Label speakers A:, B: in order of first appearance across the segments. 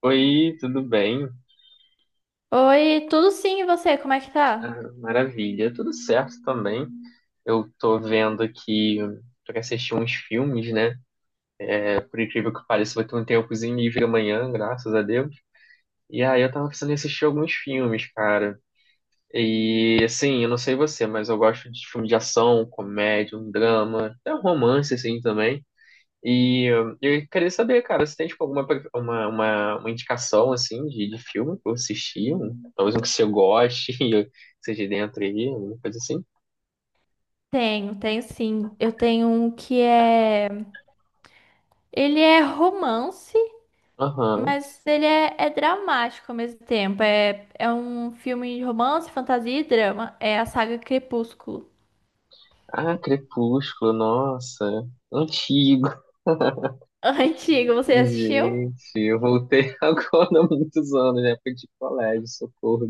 A: Oi, tudo bem?
B: Oi, tudo sim, e você? Como é que
A: Ah,
B: tá?
A: maravilha, tudo certo também. Eu tô vendo aqui pra assistir uns filmes, né? É, por incrível que pareça, vai ter um tempozinho livre amanhã, graças a Deus. E aí eu tava pensando em assistir alguns filmes, cara. E assim, eu não sei você, mas eu gosto de filme de ação, comédia, um drama, até um romance assim também. E eu queria saber, cara, se tem tipo alguma uma indicação assim de filme pra eu assistir, talvez um que você goste e seja dentro aí, alguma coisa assim.
B: Tenho sim. Eu tenho um que é. Ele é romance,
A: Aham.
B: mas ele é, é dramático ao mesmo tempo. É um filme de romance, fantasia e drama. É a saga Crepúsculo.
A: Ah, Crepúsculo, nossa, antigo.
B: Antigo, você assistiu?
A: Gente, eu voltei agora há muitos anos, né? Foi de colégio, socorro.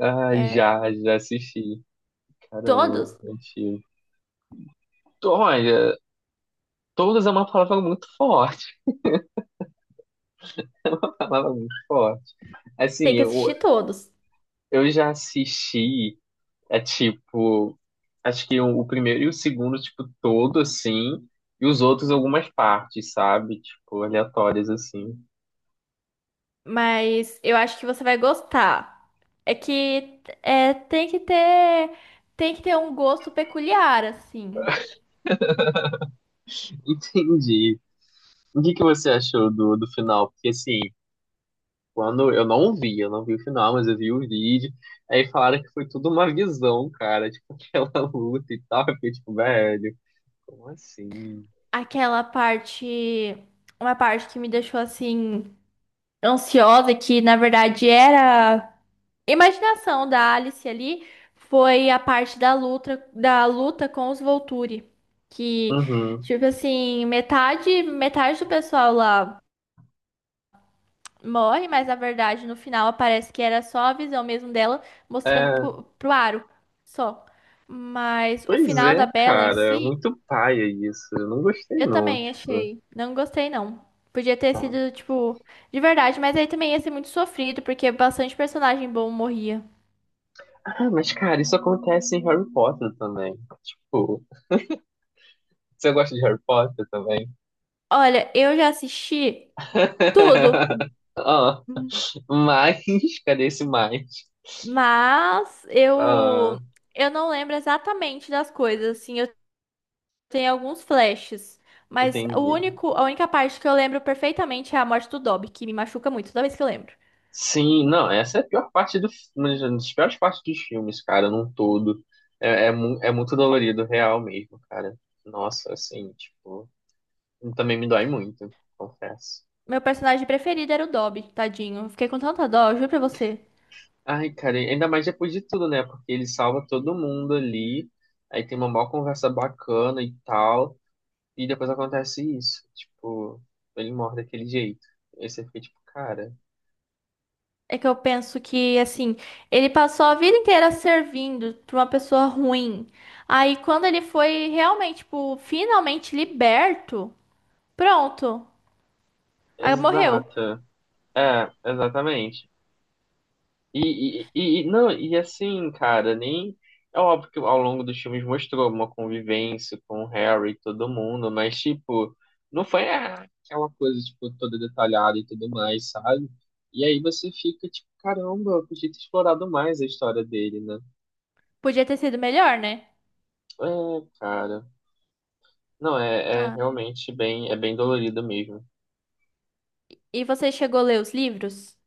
A: Ah,
B: É,
A: já assisti. Caramba,
B: todos?
A: antigo. Olha, todas é uma palavra muito forte, uma palavra muito forte. Assim,
B: Tem que
A: eu,
B: assistir todos.
A: Eu já assisti, é tipo, acho que o primeiro e o segundo, tipo, todo assim, e os outros algumas partes, sabe? Tipo, aleatórias assim.
B: Mas eu acho que você vai gostar. É que é, tem que ter um gosto peculiar, assim.
A: Entendi. O que que você achou do final? Porque assim, quando eu não vi o final, mas eu vi o vídeo, aí falaram que foi tudo uma visão, cara, tipo, aquela luta e tal, eu fiquei tipo, velho, como assim?
B: Aquela parte, uma parte que me deixou assim ansiosa, que na verdade era imaginação da Alice ali, foi a parte da luta com os Volturi, que
A: Uhum.
B: tipo assim, metade, metade do pessoal lá morre, mas na verdade no final parece que era só a visão mesmo dela mostrando
A: É,
B: pro Aro, só. Mas o
A: pois
B: final
A: é,
B: da Bella em
A: cara,
B: si.
A: muito paia isso. Eu não gostei
B: Eu
A: não,
B: também
A: tipo.
B: achei. Não gostei, não. Podia ter
A: Tá.
B: sido, tipo, de verdade, mas aí também ia ser muito sofrido, porque bastante personagem bom morria.
A: Ah, mas cara, isso acontece em Harry Potter também. Tipo, você gosta de Harry Potter também?
B: Olha, eu já assisti tudo,
A: Ah, mas, cadê esse mais?
B: mas
A: Ah,
B: eu não lembro exatamente das coisas, assim, eu tenho alguns flashes, mas o
A: entendi.
B: único, a única parte que eu lembro perfeitamente é a morte do Dobby, que me machuca muito toda vez que eu lembro.
A: Sim, não, essa é a pior parte do, uma das piores partes dos filmes, cara, num todo. É, é, é muito dolorido, real mesmo, cara. Nossa, assim, tipo, também me dói muito, confesso.
B: Meu personagem preferido era o Dobby, tadinho. Eu fiquei com tanta dó, eu juro pra você.
A: Ai, cara, ainda mais depois de tudo, né? Porque ele salva todo mundo ali, aí tem uma maior conversa bacana e tal, e depois acontece isso. Tipo, ele morre daquele jeito. Aí você fica tipo, cara,
B: É que eu penso que, assim, ele passou a vida inteira servindo pra uma pessoa ruim. Aí, quando ele foi realmente, tipo, finalmente liberto, pronto. Aí morreu.
A: exata. É, exatamente. Não, e assim, cara, nem. É óbvio que ao longo dos filmes mostrou uma convivência com o Harry e todo mundo, mas, tipo, não foi ah, aquela coisa, tipo, toda detalhada e tudo mais, sabe? E aí você fica, tipo, caramba, eu podia ter explorado mais a história dele, né?
B: Podia ter sido melhor, né?
A: É, cara. Não, é, é
B: Ah,
A: realmente bem, é bem dolorido mesmo.
B: e você chegou a ler os livros?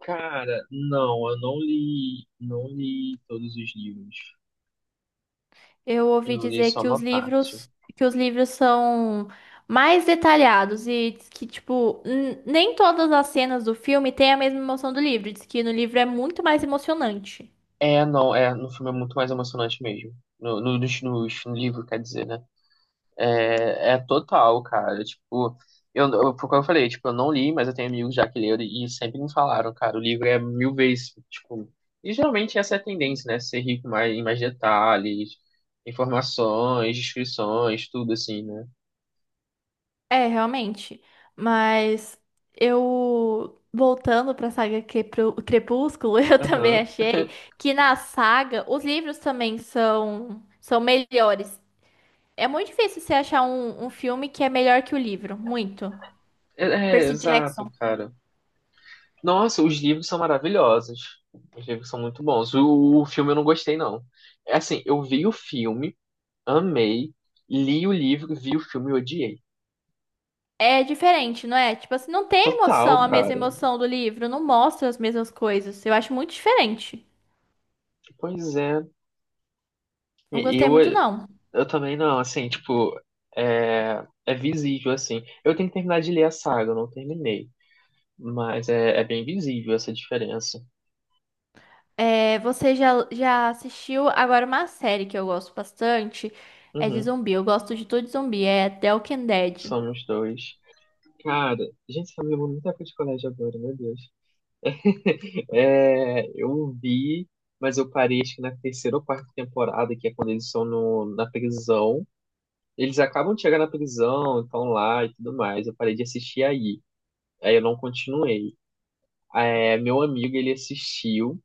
A: Cara, não, eu não li, não li todos os livros.
B: Eu ouvi
A: Eu li
B: dizer
A: só uma parte.
B: que os livros são mais detalhados e diz que, tipo, nem todas as cenas do filme têm a mesma emoção do livro. Diz que no livro é muito mais emocionante.
A: É, não, é, no filme é muito mais emocionante mesmo. No livro, quer dizer, né? É, é total, cara. Tipo, foi o que eu falei, tipo, eu não li, mas eu tenho amigos já que leram e sempre me falaram, cara, o livro é mil vezes, tipo. E geralmente essa é a tendência, né? Ser rico mais, em mais detalhes, informações, descrições, tudo assim, né?
B: É, realmente. Mas eu, voltando pra saga Crepúsculo, eu também
A: Aham.
B: achei que na saga os livros também são, são melhores. É muito difícil você achar um, um filme que é melhor que o livro, muito.
A: É, é,
B: Percy
A: exato,
B: Jackson
A: cara. Nossa, os livros são maravilhosos. Os livros são muito bons. O filme eu não gostei, não. É assim, eu vi o filme. Amei, li o livro, vi o filme e odiei.
B: é diferente, não é? Tipo assim, não tem
A: Total,
B: emoção, a mesma
A: cara.
B: emoção do livro, não mostra as mesmas coisas. Eu acho muito diferente.
A: Pois é.
B: Não gostei
A: Eu,
B: muito, não.
A: eu também não, assim, tipo, é, é visível, assim. Eu tenho que terminar de ler a saga, eu não terminei. Mas é, é bem visível essa diferença.
B: É, você já, já assistiu agora uma série que eu gosto bastante? É de
A: Uhum,
B: zumbi. Eu gosto de tudo de zumbi. É The Walking Dead.
A: somos dois. Cara, gente, tá me lembrando muita coisa de colégio agora, meu Deus. É, eu vi, mas eu parei acho que na terceira ou quarta temporada, que é quando eles estão no, na prisão. Eles acabam de chegar na prisão, estão lá e tudo mais. Eu parei de assistir aí. Aí eu não continuei. É, meu amigo, ele assistiu.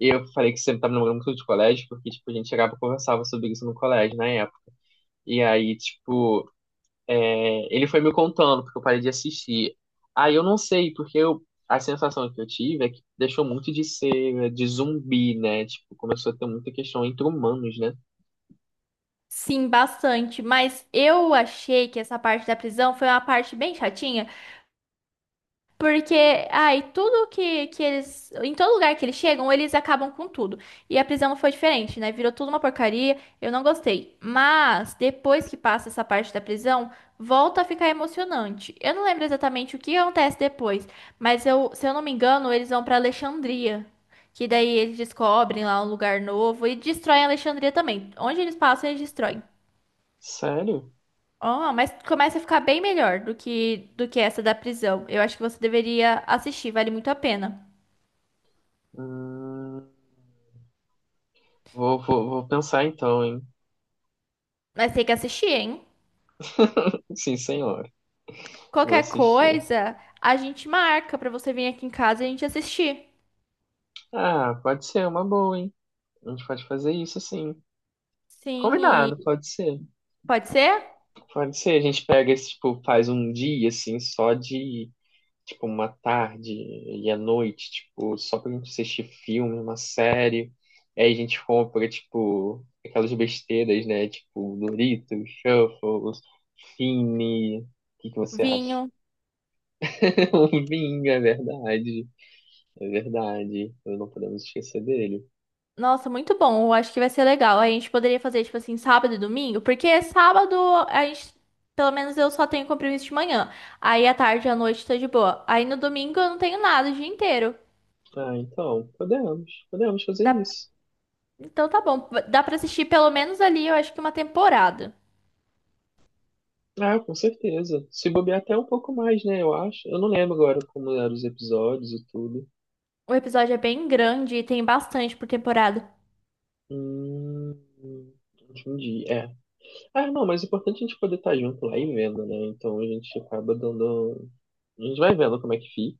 A: E eu falei que sempre tava namorando muito de colégio, porque, tipo, a gente chegava e conversava sobre isso no colégio, na época. E aí, tipo, é, ele foi me contando, porque eu parei de assistir. Aí eu não sei, porque eu, a sensação que eu tive é que deixou muito de ser de zumbi, né? Tipo, começou a ter muita questão entre humanos, né?
B: Sim, bastante. Mas eu achei que essa parte da prisão foi uma parte bem chatinha. Porque, ai, tudo que eles. Em todo lugar que eles chegam, eles acabam com tudo. E a prisão não foi diferente, né? Virou tudo uma porcaria. Eu não gostei. Mas, depois que passa essa parte da prisão, volta a ficar emocionante. Eu não lembro exatamente o que acontece depois. Mas, eu, se eu não me engano, eles vão pra Alexandria. Que daí eles descobrem lá um lugar novo e destroem Alexandria também. Onde eles passam, eles destroem.
A: Sério?
B: Ó, mas começa a ficar bem melhor do que essa da prisão. Eu acho que você deveria assistir, vale muito a pena.
A: Hum... vou pensar então, hein?
B: Mas tem que assistir, hein?
A: Sim, senhor. Vou
B: Qualquer
A: assistir.
B: coisa, a gente marca pra você vir aqui em casa e a gente assistir.
A: Ah, pode ser uma boa, hein? A gente pode fazer isso assim.
B: Sim, e
A: Combinado, pode ser.
B: pode ser?
A: Pode ser. A gente pega esse, tipo, faz um dia, assim, só de, tipo, uma tarde e à noite, tipo, só pra gente assistir filme, uma série. Aí a gente compra, tipo, aquelas besteiras, né? Tipo, Doritos, Shuffles, Fini. O que que você acha?
B: Vinho.
A: Um vinho, é verdade. É verdade. Não podemos esquecer dele.
B: Nossa, muito bom. Eu acho que vai ser legal. A gente poderia fazer tipo assim, sábado e domingo, porque sábado a gente. Pelo menos eu só tenho compromisso de manhã. Aí à tarde e à noite tá de boa. Aí no domingo eu não tenho nada o dia inteiro.
A: Ah, então, podemos fazer
B: Dá.
A: isso.
B: Então tá bom. Dá pra assistir pelo menos ali, eu acho que uma temporada.
A: Ah, com certeza. Se bobear até um pouco mais, né, eu acho. Eu não lembro agora como eram os episódios e tudo.
B: O episódio é bem grande e tem bastante por temporada.
A: Hum, entendi, é. Ah, não, mas o importante é a gente poder estar junto lá e vendo, né? Então a gente acaba dando... A gente vai vendo como é que fica.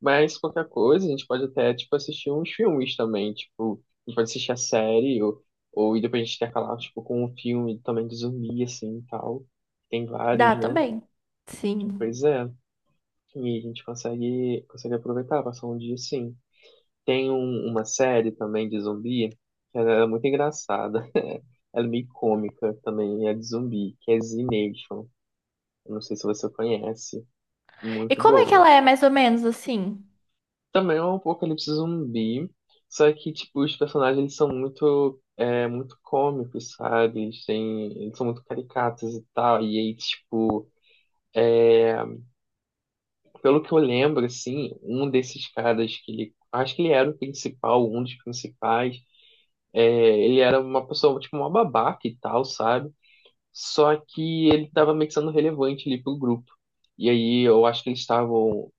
A: Mas qualquer coisa, a gente pode até, tipo, assistir uns filmes também, tipo... A gente pode assistir a série ou e depois a gente intercalar, tipo, com um filme também de zumbi, assim, e tal. Tem vários,
B: Dá
A: né?
B: também. Sim.
A: Pois é. E a gente consegue aproveitar, passar um dia sim. Tem uma série também de zumbi, que ela é muito engraçada. Ela é meio cômica também, é de zumbi, que é Z Nation. Eu não sei se você conhece.
B: E
A: Muito
B: como é que
A: boa.
B: ela é mais ou menos assim?
A: Também é um apocalipse zumbi, só que, tipo, os personagens eles são muito, é, muito cômicos, sabe? Eles têm, eles são muito caricatos e tal. E aí, tipo, pelo que eu lembro, assim, um desses caras que ele. Acho que ele era o principal, um dos principais. É, ele era uma pessoa, tipo, uma babaca e tal, sabe? Só que ele tava meio que sendo relevante ali pro grupo. E aí eu acho que eles estavam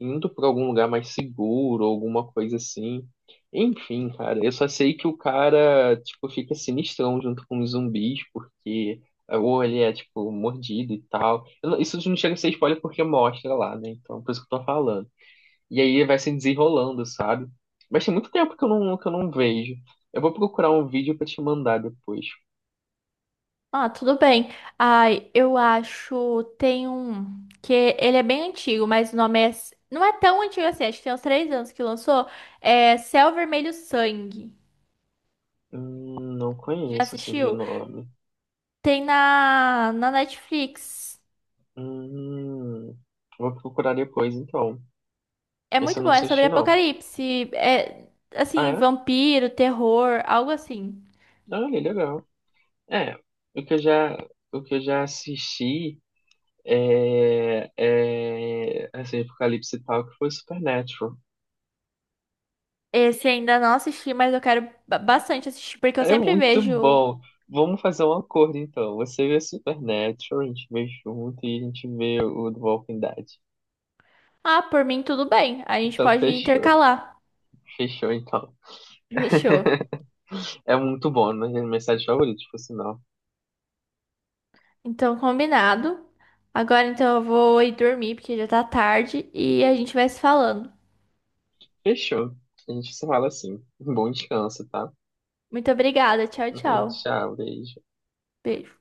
A: indo pra algum lugar mais seguro, alguma coisa assim. Enfim, cara, eu só sei que o cara, tipo, fica sinistrão junto com os zumbis, porque. Ou ele é, tipo, mordido e tal. Eu não- Isso não chega a ser spoiler porque mostra lá, né? Então, por isso que eu tô falando. E aí vai se desenrolando, sabe? Mas tem muito tempo que eu não vejo. Eu vou procurar um vídeo pra te mandar depois.
B: Ah, tudo bem. Ai, eu acho tem um que ele é bem antigo, mas o nome é, não é tão antigo assim, acho que tem uns três anos que lançou. É Céu Vermelho Sangue.
A: Não
B: Já
A: conheço assim de
B: assistiu?
A: nome.
B: Tem na Netflix.
A: Hum, vou procurar depois então.
B: É
A: Esse
B: muito
A: eu não
B: bom, é sobre
A: assisti não.
B: apocalipse, é
A: Ah,
B: assim,
A: é?
B: vampiro, terror, algo assim.
A: Ah, ele é legal. É, o que eu já, o que eu já assisti é, é assim, Apocalipse e tal, que foi Supernatural.
B: Esse ainda não assisti, mas eu quero bastante assistir, porque eu
A: É
B: sempre
A: muito
B: vejo.
A: bom. Vamos fazer um acordo, então. Você vê Supernatural, a gente vê junto e a gente vê o do Walking Dead.
B: Ah, por mim tudo bem. A gente
A: Então,
B: pode
A: fechou.
B: intercalar.
A: Fechou, então.
B: Fechou.
A: É muito bom, né? É minha série favorita, por sinal.
B: Então, combinado. Agora então eu vou ir dormir, porque já tá tarde, e a gente vai se falando.
A: Fechou. A gente se fala assim. Bom descanso, tá?
B: Muito obrigada, tchau, tchau.
A: Tchau, beijo.
B: Beijo.